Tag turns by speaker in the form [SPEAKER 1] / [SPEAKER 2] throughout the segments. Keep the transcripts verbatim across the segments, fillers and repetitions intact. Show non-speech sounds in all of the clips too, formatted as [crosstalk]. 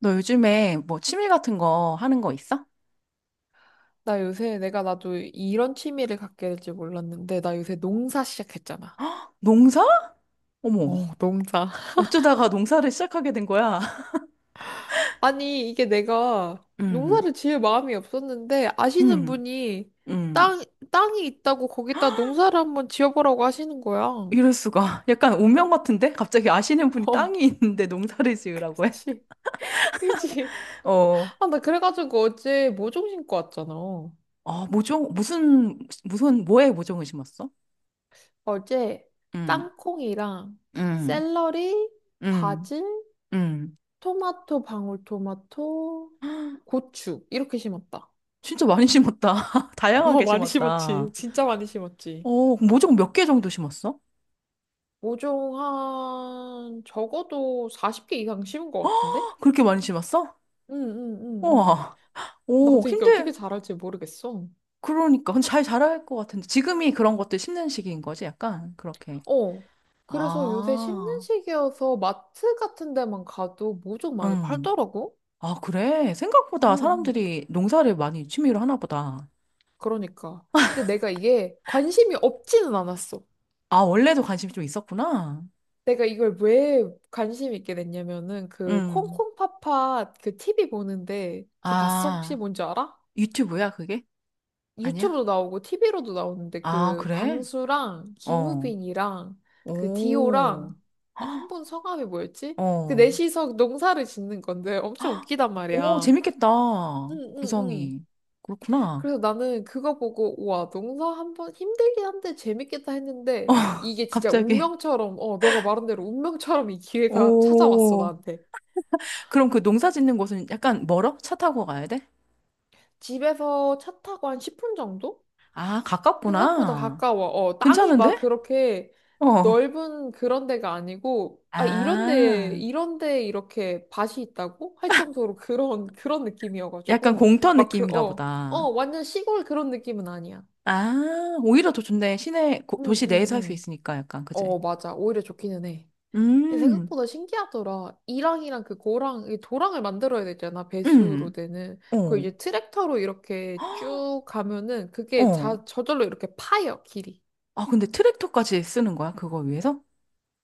[SPEAKER 1] 너 요즘에 뭐 취미 같은 거 하는 거 있어?
[SPEAKER 2] 나 요새 내가 나도 이런 취미를 갖게 될지 몰랐는데 나 요새 농사 시작했잖아.
[SPEAKER 1] 농사? 어머,
[SPEAKER 2] 어, 농사. [laughs]
[SPEAKER 1] 어쩌다가 농사를 시작하게 된 거야? [laughs]
[SPEAKER 2] 아니, 이게 내가
[SPEAKER 1] 음,
[SPEAKER 2] 농사를 지을 마음이 없었는데 아시는
[SPEAKER 1] 음,
[SPEAKER 2] 분이
[SPEAKER 1] 음.
[SPEAKER 2] 땅, 땅이 있다고 거기다 농사를 한번 지어보라고 하시는 거야. 어,
[SPEAKER 1] 이럴 수가. 약간 운명 같은데? 갑자기 아시는 분이 땅이 있는데 농사를 지으라고 해?
[SPEAKER 2] 그치. [laughs] 그치.
[SPEAKER 1] [laughs] 어,
[SPEAKER 2] 아, 나 그래가지고 어제 모종 심고 왔잖아.
[SPEAKER 1] 아, 모종, 무슨, 무슨, 뭐에 모종을 심었어?
[SPEAKER 2] 어제
[SPEAKER 1] 음,
[SPEAKER 2] 땅콩이랑
[SPEAKER 1] 음,
[SPEAKER 2] 샐러리,
[SPEAKER 1] 음,
[SPEAKER 2] 바질,
[SPEAKER 1] 음.
[SPEAKER 2] 토마토, 방울토마토, 고추 이렇게 심었다.
[SPEAKER 1] 진짜 많이 심었다. [laughs]
[SPEAKER 2] 어,
[SPEAKER 1] 다양하게
[SPEAKER 2] 많이 심었지.
[SPEAKER 1] 심었다.
[SPEAKER 2] 진짜 많이 심었지.
[SPEAKER 1] 어, 모종 몇 개 정도 심었어?
[SPEAKER 2] 모종 한, 적어도 사십 개 이상 심은 것 같은데?
[SPEAKER 1] 그렇게 많이 심었어?
[SPEAKER 2] 응, 응, 응, 응.
[SPEAKER 1] 우와. 오,
[SPEAKER 2] 나도 이게 어떻게
[SPEAKER 1] 힘들,
[SPEAKER 2] 자랄지 모르겠어.
[SPEAKER 1] 그러니까 잘 자랄 것 같은데 지금이 그런 것들 심는 시기인 거지 약간 그렇게.
[SPEAKER 2] 어. 그래서 요새 심는
[SPEAKER 1] 아,
[SPEAKER 2] 시기여서 마트 같은 데만 가도 모종 많이
[SPEAKER 1] 응.
[SPEAKER 2] 팔더라고?
[SPEAKER 1] 아, 그래? 생각보다
[SPEAKER 2] 응. 응.
[SPEAKER 1] 사람들이 농사를 많이 취미로 하나 보다.
[SPEAKER 2] 그러니까. 근데 내가 이게 관심이 없지는 않았어.
[SPEAKER 1] 아, 원래도 관심이 좀 있었구나.
[SPEAKER 2] 내가 이걸 왜 관심 있게 됐냐면은 그
[SPEAKER 1] 응.
[SPEAKER 2] 콩콩팥팥 그 티비 보는데 그거 봤어? 혹시
[SPEAKER 1] 아,
[SPEAKER 2] 뭔지 알아?
[SPEAKER 1] 유튜브야, 그게? 아니야?
[SPEAKER 2] 유튜브도 나오고 티비로도 나오는데
[SPEAKER 1] 아,
[SPEAKER 2] 그
[SPEAKER 1] 그래?
[SPEAKER 2] 광수랑
[SPEAKER 1] 어.
[SPEAKER 2] 김우빈이랑 그
[SPEAKER 1] 오.
[SPEAKER 2] 디오랑 아, 한
[SPEAKER 1] 헉,
[SPEAKER 2] 분 성함이 뭐였지? 그
[SPEAKER 1] 어.
[SPEAKER 2] 넷이서 농사를 짓는 건데 엄청
[SPEAKER 1] 헉,
[SPEAKER 2] 웃기단
[SPEAKER 1] 오,
[SPEAKER 2] 말이야.
[SPEAKER 1] 재밌겠다.
[SPEAKER 2] 응응응.
[SPEAKER 1] 구성이. 그렇구나.
[SPEAKER 2] 그래서 나는 그거 보고 우와 농사 한번 힘들긴 한데 재밌겠다
[SPEAKER 1] [laughs] 어,
[SPEAKER 2] 했는데 이게 진짜
[SPEAKER 1] 갑자기.
[SPEAKER 2] 운명처럼 어 너가 말한 대로 운명처럼 이 기회가 찾아왔어
[SPEAKER 1] 오.
[SPEAKER 2] 나한테.
[SPEAKER 1] 그럼 그 농사 짓는 곳은 약간 멀어? 차 타고 가야 돼?
[SPEAKER 2] 집에서 차 타고 한 십 분 정도?
[SPEAKER 1] 아,
[SPEAKER 2] 생각보다
[SPEAKER 1] 가깝구나.
[SPEAKER 2] 가까워. 어, 땅이 막
[SPEAKER 1] 괜찮은데?
[SPEAKER 2] 그렇게
[SPEAKER 1] 어.
[SPEAKER 2] 넓은 그런 데가 아니고, 아, 이런 데,
[SPEAKER 1] 아,
[SPEAKER 2] 이런 데 이렇게 밭이 있다고? 할 정도로 그런, [laughs] 그런
[SPEAKER 1] 약간
[SPEAKER 2] 느낌이어가지고,
[SPEAKER 1] 공터
[SPEAKER 2] 막 그,
[SPEAKER 1] 느낌인가
[SPEAKER 2] 어, 어,
[SPEAKER 1] 보다.
[SPEAKER 2] 완전 시골 그런 느낌은 아니야.
[SPEAKER 1] 아, 오히려 더 좋네. 시내, 고-
[SPEAKER 2] 응,
[SPEAKER 1] 도시
[SPEAKER 2] 응,
[SPEAKER 1] 내에서 할 수
[SPEAKER 2] 응.
[SPEAKER 1] 있으니까 약간, 그지?
[SPEAKER 2] 어, 맞아. 오히려 좋기는 해. 근데
[SPEAKER 1] 음,
[SPEAKER 2] 생각보다 신기하더라. 이랑이랑 그 고랑, 이 도랑을 만들어야 되잖아. 배수로
[SPEAKER 1] 음,
[SPEAKER 2] 되는. 그
[SPEAKER 1] 어.
[SPEAKER 2] 이제 트랙터로 이렇게
[SPEAKER 1] 헉,
[SPEAKER 2] 쭉 가면은 그게
[SPEAKER 1] 어.
[SPEAKER 2] 자, 저절로 이렇게 파여, 길이.
[SPEAKER 1] 아, 근데 트랙터까지 쓰는 거야? 그거 위해서?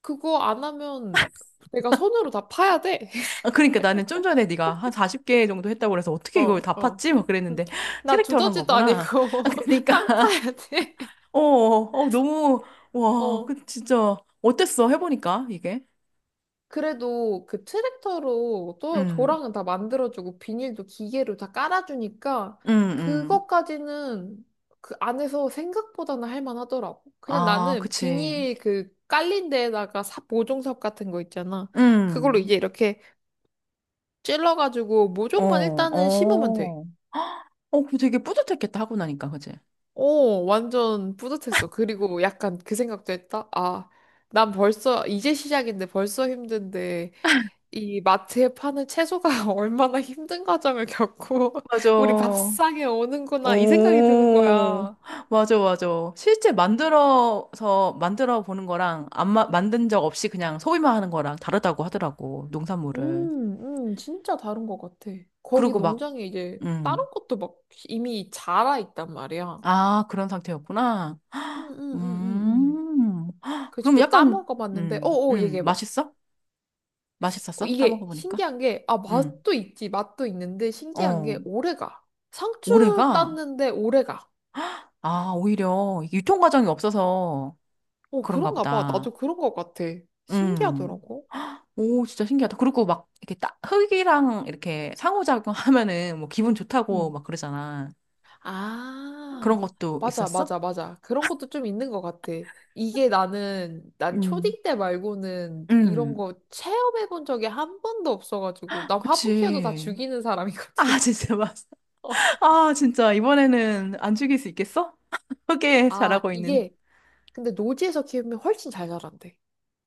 [SPEAKER 2] 그거 안 하면 내가 손으로 다 파야 돼. [laughs]
[SPEAKER 1] 아, 그러니까 나는 좀 전에 네가 한 마흔 개 정도 했다고 그래서 어떻게 이걸
[SPEAKER 2] 어,
[SPEAKER 1] 다
[SPEAKER 2] 어.
[SPEAKER 1] 팠지? 막
[SPEAKER 2] 음,
[SPEAKER 1] 그랬는데 [laughs]
[SPEAKER 2] 나
[SPEAKER 1] 트랙터를 한
[SPEAKER 2] 두더지도
[SPEAKER 1] 거구나.
[SPEAKER 2] 아니고
[SPEAKER 1] 아,
[SPEAKER 2] [laughs]
[SPEAKER 1] 그러니까
[SPEAKER 2] 땅 파야 돼.
[SPEAKER 1] 어, 어, 너무,
[SPEAKER 2] [laughs]
[SPEAKER 1] 와,
[SPEAKER 2] 어.
[SPEAKER 1] 그, 진짜, 어땠어? 해보니까, 이게?
[SPEAKER 2] 그래도 그 트랙터로 또
[SPEAKER 1] 음,
[SPEAKER 2] 도랑은 다 만들어주고 비닐도 기계로 다 깔아주니까
[SPEAKER 1] 음, 음,
[SPEAKER 2] 그것까지는 그 안에서 생각보다는 할만하더라고. 그냥
[SPEAKER 1] 아,
[SPEAKER 2] 나는
[SPEAKER 1] 그치.
[SPEAKER 2] 비닐 그 깔린 데에다가 삽, 모종삽 같은 거 있잖아. 그걸로
[SPEAKER 1] 음.
[SPEAKER 2] 이제 이렇게 찔러가지고
[SPEAKER 1] 어,
[SPEAKER 2] 모종만 일단은 심으면 돼.
[SPEAKER 1] 어. 어, 그 되게 뿌듯했겠다, 하고 나니까, 그치?
[SPEAKER 2] 오, 완전 뿌듯했어. 그리고 약간 그 생각도 했다. 아, 난 벌써, 이제 시작인데 벌써 힘든데, 이 마트에 파는 채소가 [laughs] 얼마나 힘든 과정을 겪고, [laughs]
[SPEAKER 1] 맞아.
[SPEAKER 2] 우리 밥상에 오는구나, 이 생각이 드는
[SPEAKER 1] 오,
[SPEAKER 2] 거야.
[SPEAKER 1] 맞아, 맞아. 실제 만들어서, 만들어 보는 거랑, 안 마, 만든 적 없이 그냥 소비만 하는 거랑 다르다고 하더라고, 농산물을.
[SPEAKER 2] 음, 음, 진짜 다른 것 같아. 거기
[SPEAKER 1] 그리고 막,
[SPEAKER 2] 농장에 이제 다른
[SPEAKER 1] 음.
[SPEAKER 2] 것도 막 이미 자라 있단 말이야.
[SPEAKER 1] 아, 그런 상태였구나.
[SPEAKER 2] 음, 음, 음, 음, 음.
[SPEAKER 1] 음. 헉,
[SPEAKER 2] 그
[SPEAKER 1] 그럼
[SPEAKER 2] 직접
[SPEAKER 1] 약간,
[SPEAKER 2] 따먹어 봤는데, 어,
[SPEAKER 1] 음,
[SPEAKER 2] 어,
[SPEAKER 1] 음,
[SPEAKER 2] 얘기해봐.
[SPEAKER 1] 맛있어?
[SPEAKER 2] 어,
[SPEAKER 1] 맛있었어?
[SPEAKER 2] 이게
[SPEAKER 1] 따먹어보니까?
[SPEAKER 2] 신기한 게, 아,
[SPEAKER 1] 음,
[SPEAKER 2] 맛도 있지, 맛도 있는데 신기한
[SPEAKER 1] 어.
[SPEAKER 2] 게 오래 가. 상추
[SPEAKER 1] 올해가,
[SPEAKER 2] 땄는데 오래 가.
[SPEAKER 1] 아, 오히려 이게 유통 과정이 없어서
[SPEAKER 2] 어,
[SPEAKER 1] 그런가
[SPEAKER 2] 그런가 봐.
[SPEAKER 1] 보다.
[SPEAKER 2] 나도 그런 것 같아.
[SPEAKER 1] 음.
[SPEAKER 2] 신기하더라고.
[SPEAKER 1] 오, 진짜 신기하다. 그리고 막, 이렇게 딱, 흙이랑 이렇게 상호작용 [laughs] 하면은 뭐 기분 좋다고
[SPEAKER 2] 응.
[SPEAKER 1] 막 그러잖아. 그런
[SPEAKER 2] 아,
[SPEAKER 1] 것도
[SPEAKER 2] 맞아,
[SPEAKER 1] 있었어?
[SPEAKER 2] 맞아, 맞아. 그런 것도 좀 있는 것 같아. 이게 나는, 난
[SPEAKER 1] 음.
[SPEAKER 2] 초딩 때 말고는 이런
[SPEAKER 1] 음.
[SPEAKER 2] 거 체험해 본 적이 한 번도 없어가지고, 난 화분 키워도 다
[SPEAKER 1] 그치.
[SPEAKER 2] 죽이는
[SPEAKER 1] 아, [laughs]
[SPEAKER 2] 사람이거든.
[SPEAKER 1] 진짜 맛.
[SPEAKER 2] [laughs] 어.
[SPEAKER 1] 아, 진짜. 이번에는 안 죽일 수 있겠어? 흙에
[SPEAKER 2] 아,
[SPEAKER 1] 자라고 있는.
[SPEAKER 2] 이게, 근데 노지에서 키우면 훨씬 잘 자란대.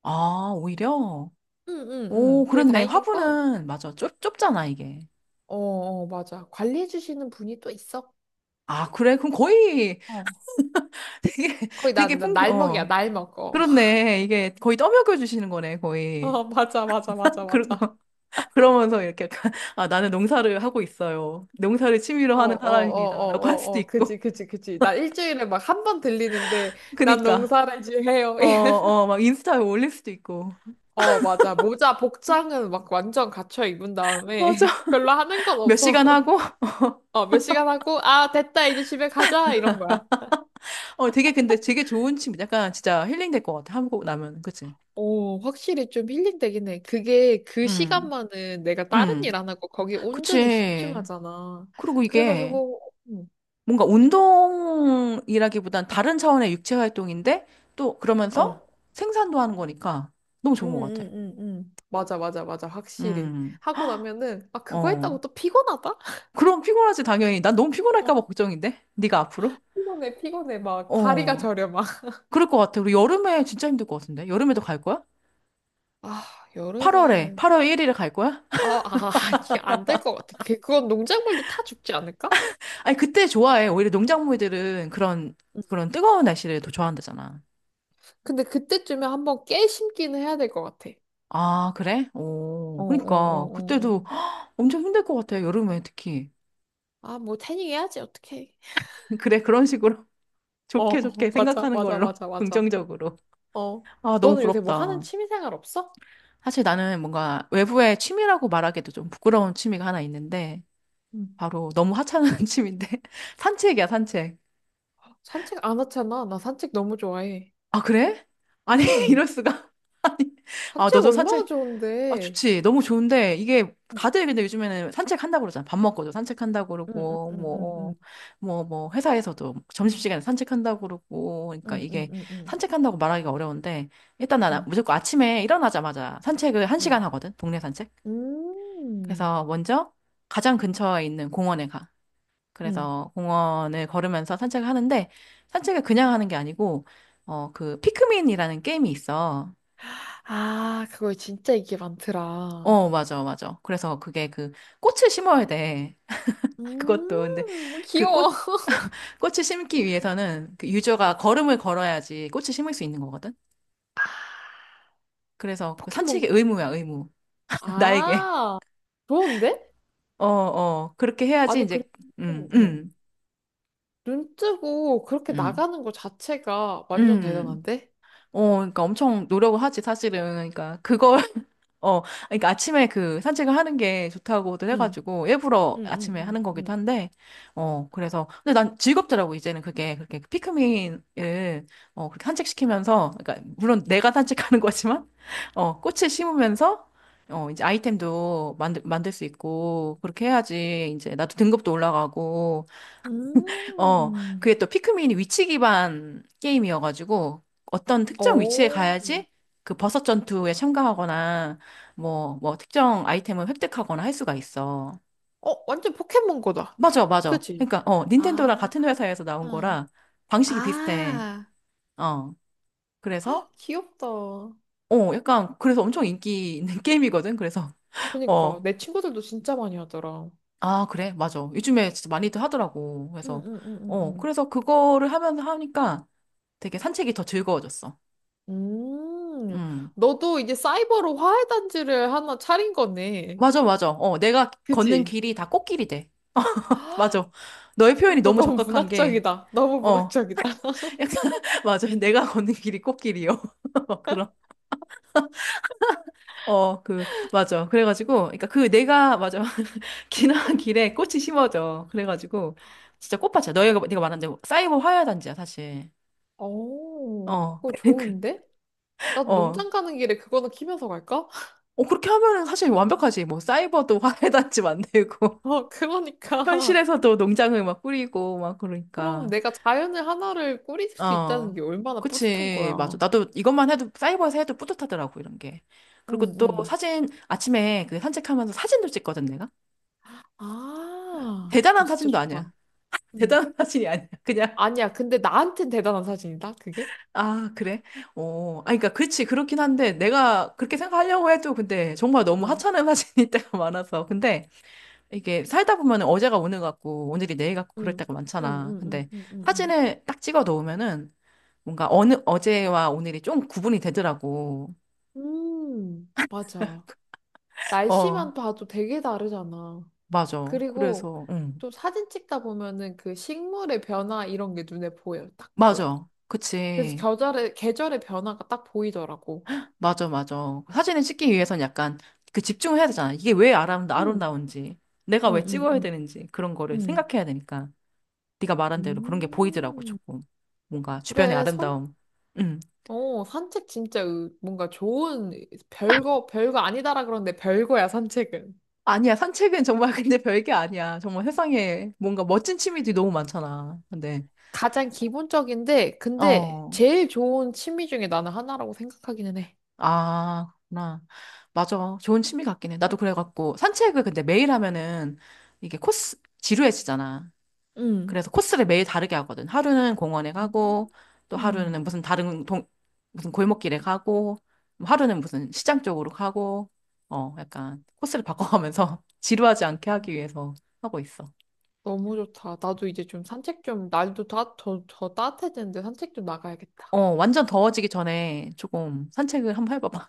[SPEAKER 1] 아, 오히려?
[SPEAKER 2] 응, 응,
[SPEAKER 1] 오,
[SPEAKER 2] 응. 그리고
[SPEAKER 1] 그랬네.
[SPEAKER 2] 다행인 건,
[SPEAKER 1] 화분은, 맞아. 좁, 좁잖아, 이게.
[SPEAKER 2] 어, 어, 맞아. 관리해주시는 분이 또 있어.
[SPEAKER 1] 아, 그래? 그럼 거의
[SPEAKER 2] 어.
[SPEAKER 1] [laughs] 되게,
[SPEAKER 2] 거의
[SPEAKER 1] 되게
[SPEAKER 2] 난, 난
[SPEAKER 1] 풍경,
[SPEAKER 2] 날먹이야,
[SPEAKER 1] 어.
[SPEAKER 2] 날먹. 어. [laughs]
[SPEAKER 1] 그렇네. 이게 거의 떠먹여 주시는 거네, 거의.
[SPEAKER 2] 어, 맞아, 맞아, 맞아,
[SPEAKER 1] 그리고,
[SPEAKER 2] 맞아.
[SPEAKER 1] [laughs] 그러면서 이렇게 약간, 아, 나는 농사를 하고 있어요. 농사를
[SPEAKER 2] 어,
[SPEAKER 1] 취미로
[SPEAKER 2] 어,
[SPEAKER 1] 하는
[SPEAKER 2] 어,
[SPEAKER 1] 사람입니다 라고 할
[SPEAKER 2] 어,
[SPEAKER 1] 수도
[SPEAKER 2] 어, 어.
[SPEAKER 1] 있고.
[SPEAKER 2] 그지, 그지, 그지. 나 일주일에 막 한 번 들리는데,
[SPEAKER 1] [laughs]
[SPEAKER 2] 난
[SPEAKER 1] 그니까,
[SPEAKER 2] 농사를 지어요.
[SPEAKER 1] 어,
[SPEAKER 2] [laughs]
[SPEAKER 1] 어, 막 인스타에 올릴 수도 있고.
[SPEAKER 2] 어, 맞아. 모자, 복장은 막 완전 갖춰 입은 다음에,
[SPEAKER 1] 맞아.
[SPEAKER 2] [laughs] 별로 하는 건
[SPEAKER 1] [laughs] 몇
[SPEAKER 2] 없어.
[SPEAKER 1] 시간
[SPEAKER 2] [laughs]
[SPEAKER 1] 하고,
[SPEAKER 2] 어, 몇 시간 하고, 아, 됐다, 이제 집에 가자, 이런 거야.
[SPEAKER 1] 어, 되게 근데 되게 좋은 취미. 약간 진짜 힐링 될 것 같아. 한국 나면. 그치?
[SPEAKER 2] 오, 확실히 좀 힐링되긴 해. 그게 그
[SPEAKER 1] 음,
[SPEAKER 2] 시간만은 내가 다른 일
[SPEAKER 1] 음.
[SPEAKER 2] 안 하고 거기 온전히
[SPEAKER 1] 그치.
[SPEAKER 2] 집중하잖아.
[SPEAKER 1] 그리고 이게
[SPEAKER 2] 그래가지고, 음,
[SPEAKER 1] 뭔가 운동이라기보단 다른 차원의 육체 활동인데 또 그러면서
[SPEAKER 2] 어,
[SPEAKER 1] 생산도 하는 거니까 너무 좋은 것 같아.
[SPEAKER 2] 응응응응, 맞아, 맞아, 맞아. 확실히.
[SPEAKER 1] 음,
[SPEAKER 2] 하고 나면은, 아, 그거
[SPEAKER 1] 어.
[SPEAKER 2] 했다고 또 피곤하다?
[SPEAKER 1] 그럼 피곤하지, 당연히. 난 너무 피곤할까 봐
[SPEAKER 2] 어,
[SPEAKER 1] 걱정인데? 네가 앞으로?
[SPEAKER 2] 피곤해, 피곤해. 막 다리가
[SPEAKER 1] 어.
[SPEAKER 2] 저려, 막. [laughs]
[SPEAKER 1] 그럴 것 같아. 우리 여름에 진짜 힘들 것 같은데? 여름에도 갈 거야?
[SPEAKER 2] 아,
[SPEAKER 1] 팔월에,
[SPEAKER 2] 여름은,
[SPEAKER 1] 팔월 일 일에 갈 거야?
[SPEAKER 2] 아, 아, 아, 아니, 안 될 것 같아. 그- 그건 농작물도 타 죽지 않을까?
[SPEAKER 1] [laughs] 아니, 그때 좋아해. 오히려 농작물들은 그런,
[SPEAKER 2] 응.
[SPEAKER 1] 그런 뜨거운 날씨를 더 좋아한다잖아.
[SPEAKER 2] 근데 그때쯤에 한번 깨 심기는 해야 될 것 같아.
[SPEAKER 1] 아, 그래?
[SPEAKER 2] 어,
[SPEAKER 1] 오,
[SPEAKER 2] 어,
[SPEAKER 1] 그러니까.
[SPEAKER 2] 어, 어,
[SPEAKER 1] 그때도
[SPEAKER 2] 어.
[SPEAKER 1] 엄청 힘들 것 같아, 여름에 특히.
[SPEAKER 2] 아, 뭐 태닝 해야지 어떡해.
[SPEAKER 1] [laughs] 그래, 그런 식으로 [laughs]
[SPEAKER 2] 어,
[SPEAKER 1] 좋게
[SPEAKER 2] 어,
[SPEAKER 1] 좋게
[SPEAKER 2] 맞아,
[SPEAKER 1] 생각하는
[SPEAKER 2] 맞아,
[SPEAKER 1] 걸로,
[SPEAKER 2] 맞아,
[SPEAKER 1] [laughs]
[SPEAKER 2] 맞아.
[SPEAKER 1] 긍정적으로.
[SPEAKER 2] 어,
[SPEAKER 1] 아, 너무
[SPEAKER 2] 너는 요새 뭐 하는
[SPEAKER 1] 부럽다.
[SPEAKER 2] 취미생활 없어?
[SPEAKER 1] 사실 나는 뭔가 외부의 취미라고 말하기도 좀 부끄러운 취미가 하나 있는데, 바로 너무 하찮은 [laughs] 취미인데, [laughs] 산책이야, 산책.
[SPEAKER 2] 응. 산책 안 하잖아. 나 산책 너무 좋아해.
[SPEAKER 1] 아, 그래? 아니, [laughs]
[SPEAKER 2] 응,
[SPEAKER 1] 이럴 수가. [laughs] 아니, 아,
[SPEAKER 2] 산책
[SPEAKER 1] 너도
[SPEAKER 2] 얼마나
[SPEAKER 1] 산책 아,
[SPEAKER 2] 좋은데.
[SPEAKER 1] 좋지. 너무 좋은데, 이게,
[SPEAKER 2] 음.
[SPEAKER 1] 다들 근데 요즘에는 산책한다고 그러잖아. 밥 먹고도 산책한다고
[SPEAKER 2] 응, 응,
[SPEAKER 1] 그러고,
[SPEAKER 2] 응, 응,
[SPEAKER 1] 뭐, 뭐, 뭐, 회사에서도 점심시간에 산책한다고 그러고, 그러니까
[SPEAKER 2] 응, 응,
[SPEAKER 1] 이게
[SPEAKER 2] 응, 응,
[SPEAKER 1] 산책한다고 말하기가 어려운데, 일단 나는
[SPEAKER 2] 응,
[SPEAKER 1] 무조건 아침에 일어나자마자 산책을 한
[SPEAKER 2] 응,
[SPEAKER 1] 시간
[SPEAKER 2] 응.
[SPEAKER 1] 하거든. 동네 산책.
[SPEAKER 2] 음,
[SPEAKER 1] 그래서 먼저 가장 근처에 있는 공원에 가.
[SPEAKER 2] 응.
[SPEAKER 1] 그래서 공원을 걸으면서 산책을 하는데, 산책을 그냥 하는 게 아니고, 어, 그, 피크민이라는 게임이 있어.
[SPEAKER 2] 아, 그거 진짜 이게 많더라.
[SPEAKER 1] 어, 맞아, 맞아. 그래서 그게 그, 꽃을 심어야 돼. 그것도 근데
[SPEAKER 2] 음,
[SPEAKER 1] 그
[SPEAKER 2] 귀여워.
[SPEAKER 1] 꽃,
[SPEAKER 2] [laughs]
[SPEAKER 1] 꽃을 심기 위해서는 그 유저가 걸음을 걸어야지 꽃을 심을 수 있는 거거든. 그래서 그 산책이
[SPEAKER 2] 포켓몬고 같은
[SPEAKER 1] 의무야,
[SPEAKER 2] 거네.
[SPEAKER 1] 의무. [laughs] 나에게.
[SPEAKER 2] 아, 좋은데?
[SPEAKER 1] 어, 어. 그렇게 해야지
[SPEAKER 2] 아니,
[SPEAKER 1] 이제.
[SPEAKER 2] 그리고,
[SPEAKER 1] 음,
[SPEAKER 2] 응, 응.
[SPEAKER 1] 음.
[SPEAKER 2] 눈 뜨고 그렇게
[SPEAKER 1] 음.
[SPEAKER 2] 나가는 것 자체가 완전
[SPEAKER 1] 음.
[SPEAKER 2] 대단한데?
[SPEAKER 1] 어, 그러니까 엄청 노력을 하지 사실은. 그러니까 그걸 어, 그러니까 아침에 그 산책을 하는 게 좋다고도
[SPEAKER 2] 응,
[SPEAKER 1] 해가지고 일부러
[SPEAKER 2] 응,
[SPEAKER 1] 아침에 하는
[SPEAKER 2] 응,
[SPEAKER 1] 거기도
[SPEAKER 2] 응,
[SPEAKER 1] 한데, 어, 그래서 근데 난 즐겁더라고 이제는 그게 그렇게 피크민을 어 그렇게 산책시키면서, 그러니까 물론 내가 산책하는 [laughs] 거지만, 어 꽃을 심으면서 어 이제 아이템도 만들 만들 수 있고 그렇게 해야지 이제 나도 등급도 올라가고
[SPEAKER 2] 응.
[SPEAKER 1] 어,
[SPEAKER 2] 음.
[SPEAKER 1] 그게 또 피크민이 위치 기반 게임이어가지고 어떤 특정 위치에
[SPEAKER 2] 어,
[SPEAKER 1] 가야지 그 버섯 전투에 참가하거나 뭐, 뭐 특정 아이템을 획득하거나 할 수가 있어.
[SPEAKER 2] 어, 완전 포켓몬 거다.
[SPEAKER 1] 맞아, 맞아.
[SPEAKER 2] 그치?
[SPEAKER 1] 그러니까, 어, 닌텐도랑
[SPEAKER 2] 아,
[SPEAKER 1] 같은 회사에서 나온 거라 방식이 비슷해.
[SPEAKER 2] 아,
[SPEAKER 1] 어, 그래서,
[SPEAKER 2] [laughs] 귀엽다.
[SPEAKER 1] 어, 약간, 그래서 엄청 인기 있는 [laughs] 게임이거든. 그래서,
[SPEAKER 2] 그니까,
[SPEAKER 1] 어,
[SPEAKER 2] 내 친구들도 진짜 많이 하더라.
[SPEAKER 1] 아, 그래, 맞아. 요즘에 진짜 많이들 하더라고.
[SPEAKER 2] 응,
[SPEAKER 1] 그래서,
[SPEAKER 2] 응, 응,
[SPEAKER 1] 어,
[SPEAKER 2] 응,
[SPEAKER 1] 그래서 그거를 하면서 하니까 되게 산책이 더 즐거워졌어.
[SPEAKER 2] 응. 음,
[SPEAKER 1] 음.
[SPEAKER 2] 너도 이제 사이버로 화훼단지를 하나 차린 거네.
[SPEAKER 1] 맞아, 맞아. 어, 내가 걷는
[SPEAKER 2] 그치?
[SPEAKER 1] 길이 다 꽃길이 돼.
[SPEAKER 2] [gasps] 아,
[SPEAKER 1] 맞아. 너의 표현이 너무
[SPEAKER 2] 너무
[SPEAKER 1] 적확한 게,
[SPEAKER 2] 문학적이다. 너무
[SPEAKER 1] 어, 약간,
[SPEAKER 2] 문학적이다.
[SPEAKER 1] [laughs] 맞아. 내가 걷는 길이 꽃길이요. [laughs] 그런, 어, 그, 맞아. 그래가지고, 그러니까 그 내가, 맞아. [laughs] 지나간 길에 꽃이 심어져. 그래가지고, 진짜 꽃밭이야. 너희가, 네가 말한 대로 사이버 화훼단지야, 사실.
[SPEAKER 2] 오,
[SPEAKER 1] 어,
[SPEAKER 2] 그거
[SPEAKER 1] [laughs] 그-
[SPEAKER 2] 좋은데? 나도
[SPEAKER 1] 어.
[SPEAKER 2] 농장 가는 길에 그거는 키면서 갈까? [laughs]
[SPEAKER 1] 어, 그렇게 하면은 사실 완벽하지. 뭐, 사이버도 화훼단지 만들고,
[SPEAKER 2] 어,
[SPEAKER 1] [laughs]
[SPEAKER 2] 그러니까.
[SPEAKER 1] 현실에서도 농장을 막 꾸리고, 막,
[SPEAKER 2] 그럼
[SPEAKER 1] 그러니까.
[SPEAKER 2] 내가 자연을 하나를 꾸릴 수 있다는
[SPEAKER 1] 어,
[SPEAKER 2] 게 얼마나 뿌듯한
[SPEAKER 1] 그치. 맞아.
[SPEAKER 2] 거야.
[SPEAKER 1] 나도 이것만 해도, 사이버에서 해도 뿌듯하더라고, 이런 게. 그리고
[SPEAKER 2] 응,
[SPEAKER 1] 또
[SPEAKER 2] 응.
[SPEAKER 1] 사진, 아침에 그 산책하면서 사진도 찍거든, 내가.
[SPEAKER 2] 아, 그거
[SPEAKER 1] 대단한
[SPEAKER 2] 진짜
[SPEAKER 1] 사진도 아니야.
[SPEAKER 2] 좋다. 응.
[SPEAKER 1] 대단한 [laughs] 사진이 아니야. 그냥,
[SPEAKER 2] 아니야, 근데 나한텐 대단한 사진이다, 그게?
[SPEAKER 1] 아, 그래? 어, 아, 그러니까, 그렇지. 그렇긴 한데, 내가 그렇게 생각하려고 해도, 근데 정말 너무
[SPEAKER 2] 아,
[SPEAKER 1] 하찮은 [laughs] 사진일 때가 많아서. 근데 이게 살다 보면 은 어제가 오늘 같고, 오늘이 내일 같고, 그럴
[SPEAKER 2] 응,
[SPEAKER 1] 때가
[SPEAKER 2] 응,
[SPEAKER 1] 많잖아.
[SPEAKER 2] 응, 응,
[SPEAKER 1] 근데
[SPEAKER 2] 응, 응.
[SPEAKER 1] 사진을 딱 찍어 놓으면은, 뭔가 어느, 어제와 오늘이 좀 구분이 되더라고.
[SPEAKER 2] 응. 음, 맞아.
[SPEAKER 1] 어.
[SPEAKER 2] 날씨만 봐도 되게 다르잖아.
[SPEAKER 1] 맞아.
[SPEAKER 2] 그리고
[SPEAKER 1] 그래서, 응.
[SPEAKER 2] 또 사진 찍다 보면은 그 식물의 변화 이런 게 눈에 보여. 딱 보여.
[SPEAKER 1] 맞아.
[SPEAKER 2] 그래서
[SPEAKER 1] 그치.
[SPEAKER 2] 계절의, 계절의 변화가 딱 보이더라고.
[SPEAKER 1] 맞아, 맞아. 사진을 찍기 위해선 약간 그 집중을 해야 되잖아. 이게 왜 아름,
[SPEAKER 2] 응,
[SPEAKER 1] 아름다운지, 내가
[SPEAKER 2] 응,
[SPEAKER 1] 왜
[SPEAKER 2] 응,
[SPEAKER 1] 찍어야
[SPEAKER 2] 응,
[SPEAKER 1] 되는지, 그런 거를
[SPEAKER 2] 응.
[SPEAKER 1] 생각해야 되니까. 네가 말한 대로 그런 게 보이더라고,
[SPEAKER 2] 음,
[SPEAKER 1] 조금. 뭔가 주변의
[SPEAKER 2] 그래, 선,
[SPEAKER 1] 아름다움. 응.
[SPEAKER 2] 어, 산책 진짜 으- 뭔가 좋은, 별거, 별거 아니다라 그러는데 별거야, 산책은.
[SPEAKER 1] 아니야, 산책은 정말 근데 [laughs] 별게 아니야. 정말 세상에 뭔가 멋진 취미들이 너무 많잖아. 근데,
[SPEAKER 2] 가장 기본적인데, 근데
[SPEAKER 1] 어.
[SPEAKER 2] 제일 좋은 취미 중에 나는 하나라고 생각하기는 해.
[SPEAKER 1] 아, 그렇구나. 맞아. 좋은 취미 같긴 해. 나도 그래갖고, 산책을 근데 매일 하면은 이게 코스, 지루해지잖아.
[SPEAKER 2] 응.
[SPEAKER 1] 그래서 코스를 매일 다르게 하거든. 하루는 공원에 가고, 또
[SPEAKER 2] 음.
[SPEAKER 1] 하루는 무슨 다른 동, 무슨 골목길에 가고, 뭐 하루는 무슨 시장 쪽으로 가고, 어, 약간 코스를 바꿔가면서 [laughs] 지루하지 않게 하기 위해서 하고 있어.
[SPEAKER 2] 너무 좋다. 나도 이제 좀 산책 좀, 날도 다, 더, 더 따뜻해지는데 산책 좀
[SPEAKER 1] 어,
[SPEAKER 2] 나가야겠다.
[SPEAKER 1] 완전 더워지기 전에 조금 산책을 한번 해봐봐.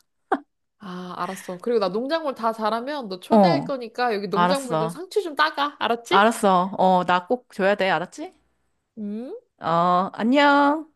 [SPEAKER 2] 아, 알았어. 그리고 나 농작물 다 자라면 너 초대할
[SPEAKER 1] 어,
[SPEAKER 2] 거니까 여기 농작물 좀
[SPEAKER 1] 알았어.
[SPEAKER 2] 상추 좀 따가. 알았지?
[SPEAKER 1] 알았어. 어, 나 꼭 줘야 돼. 알았지?
[SPEAKER 2] 음.
[SPEAKER 1] 어, 안녕.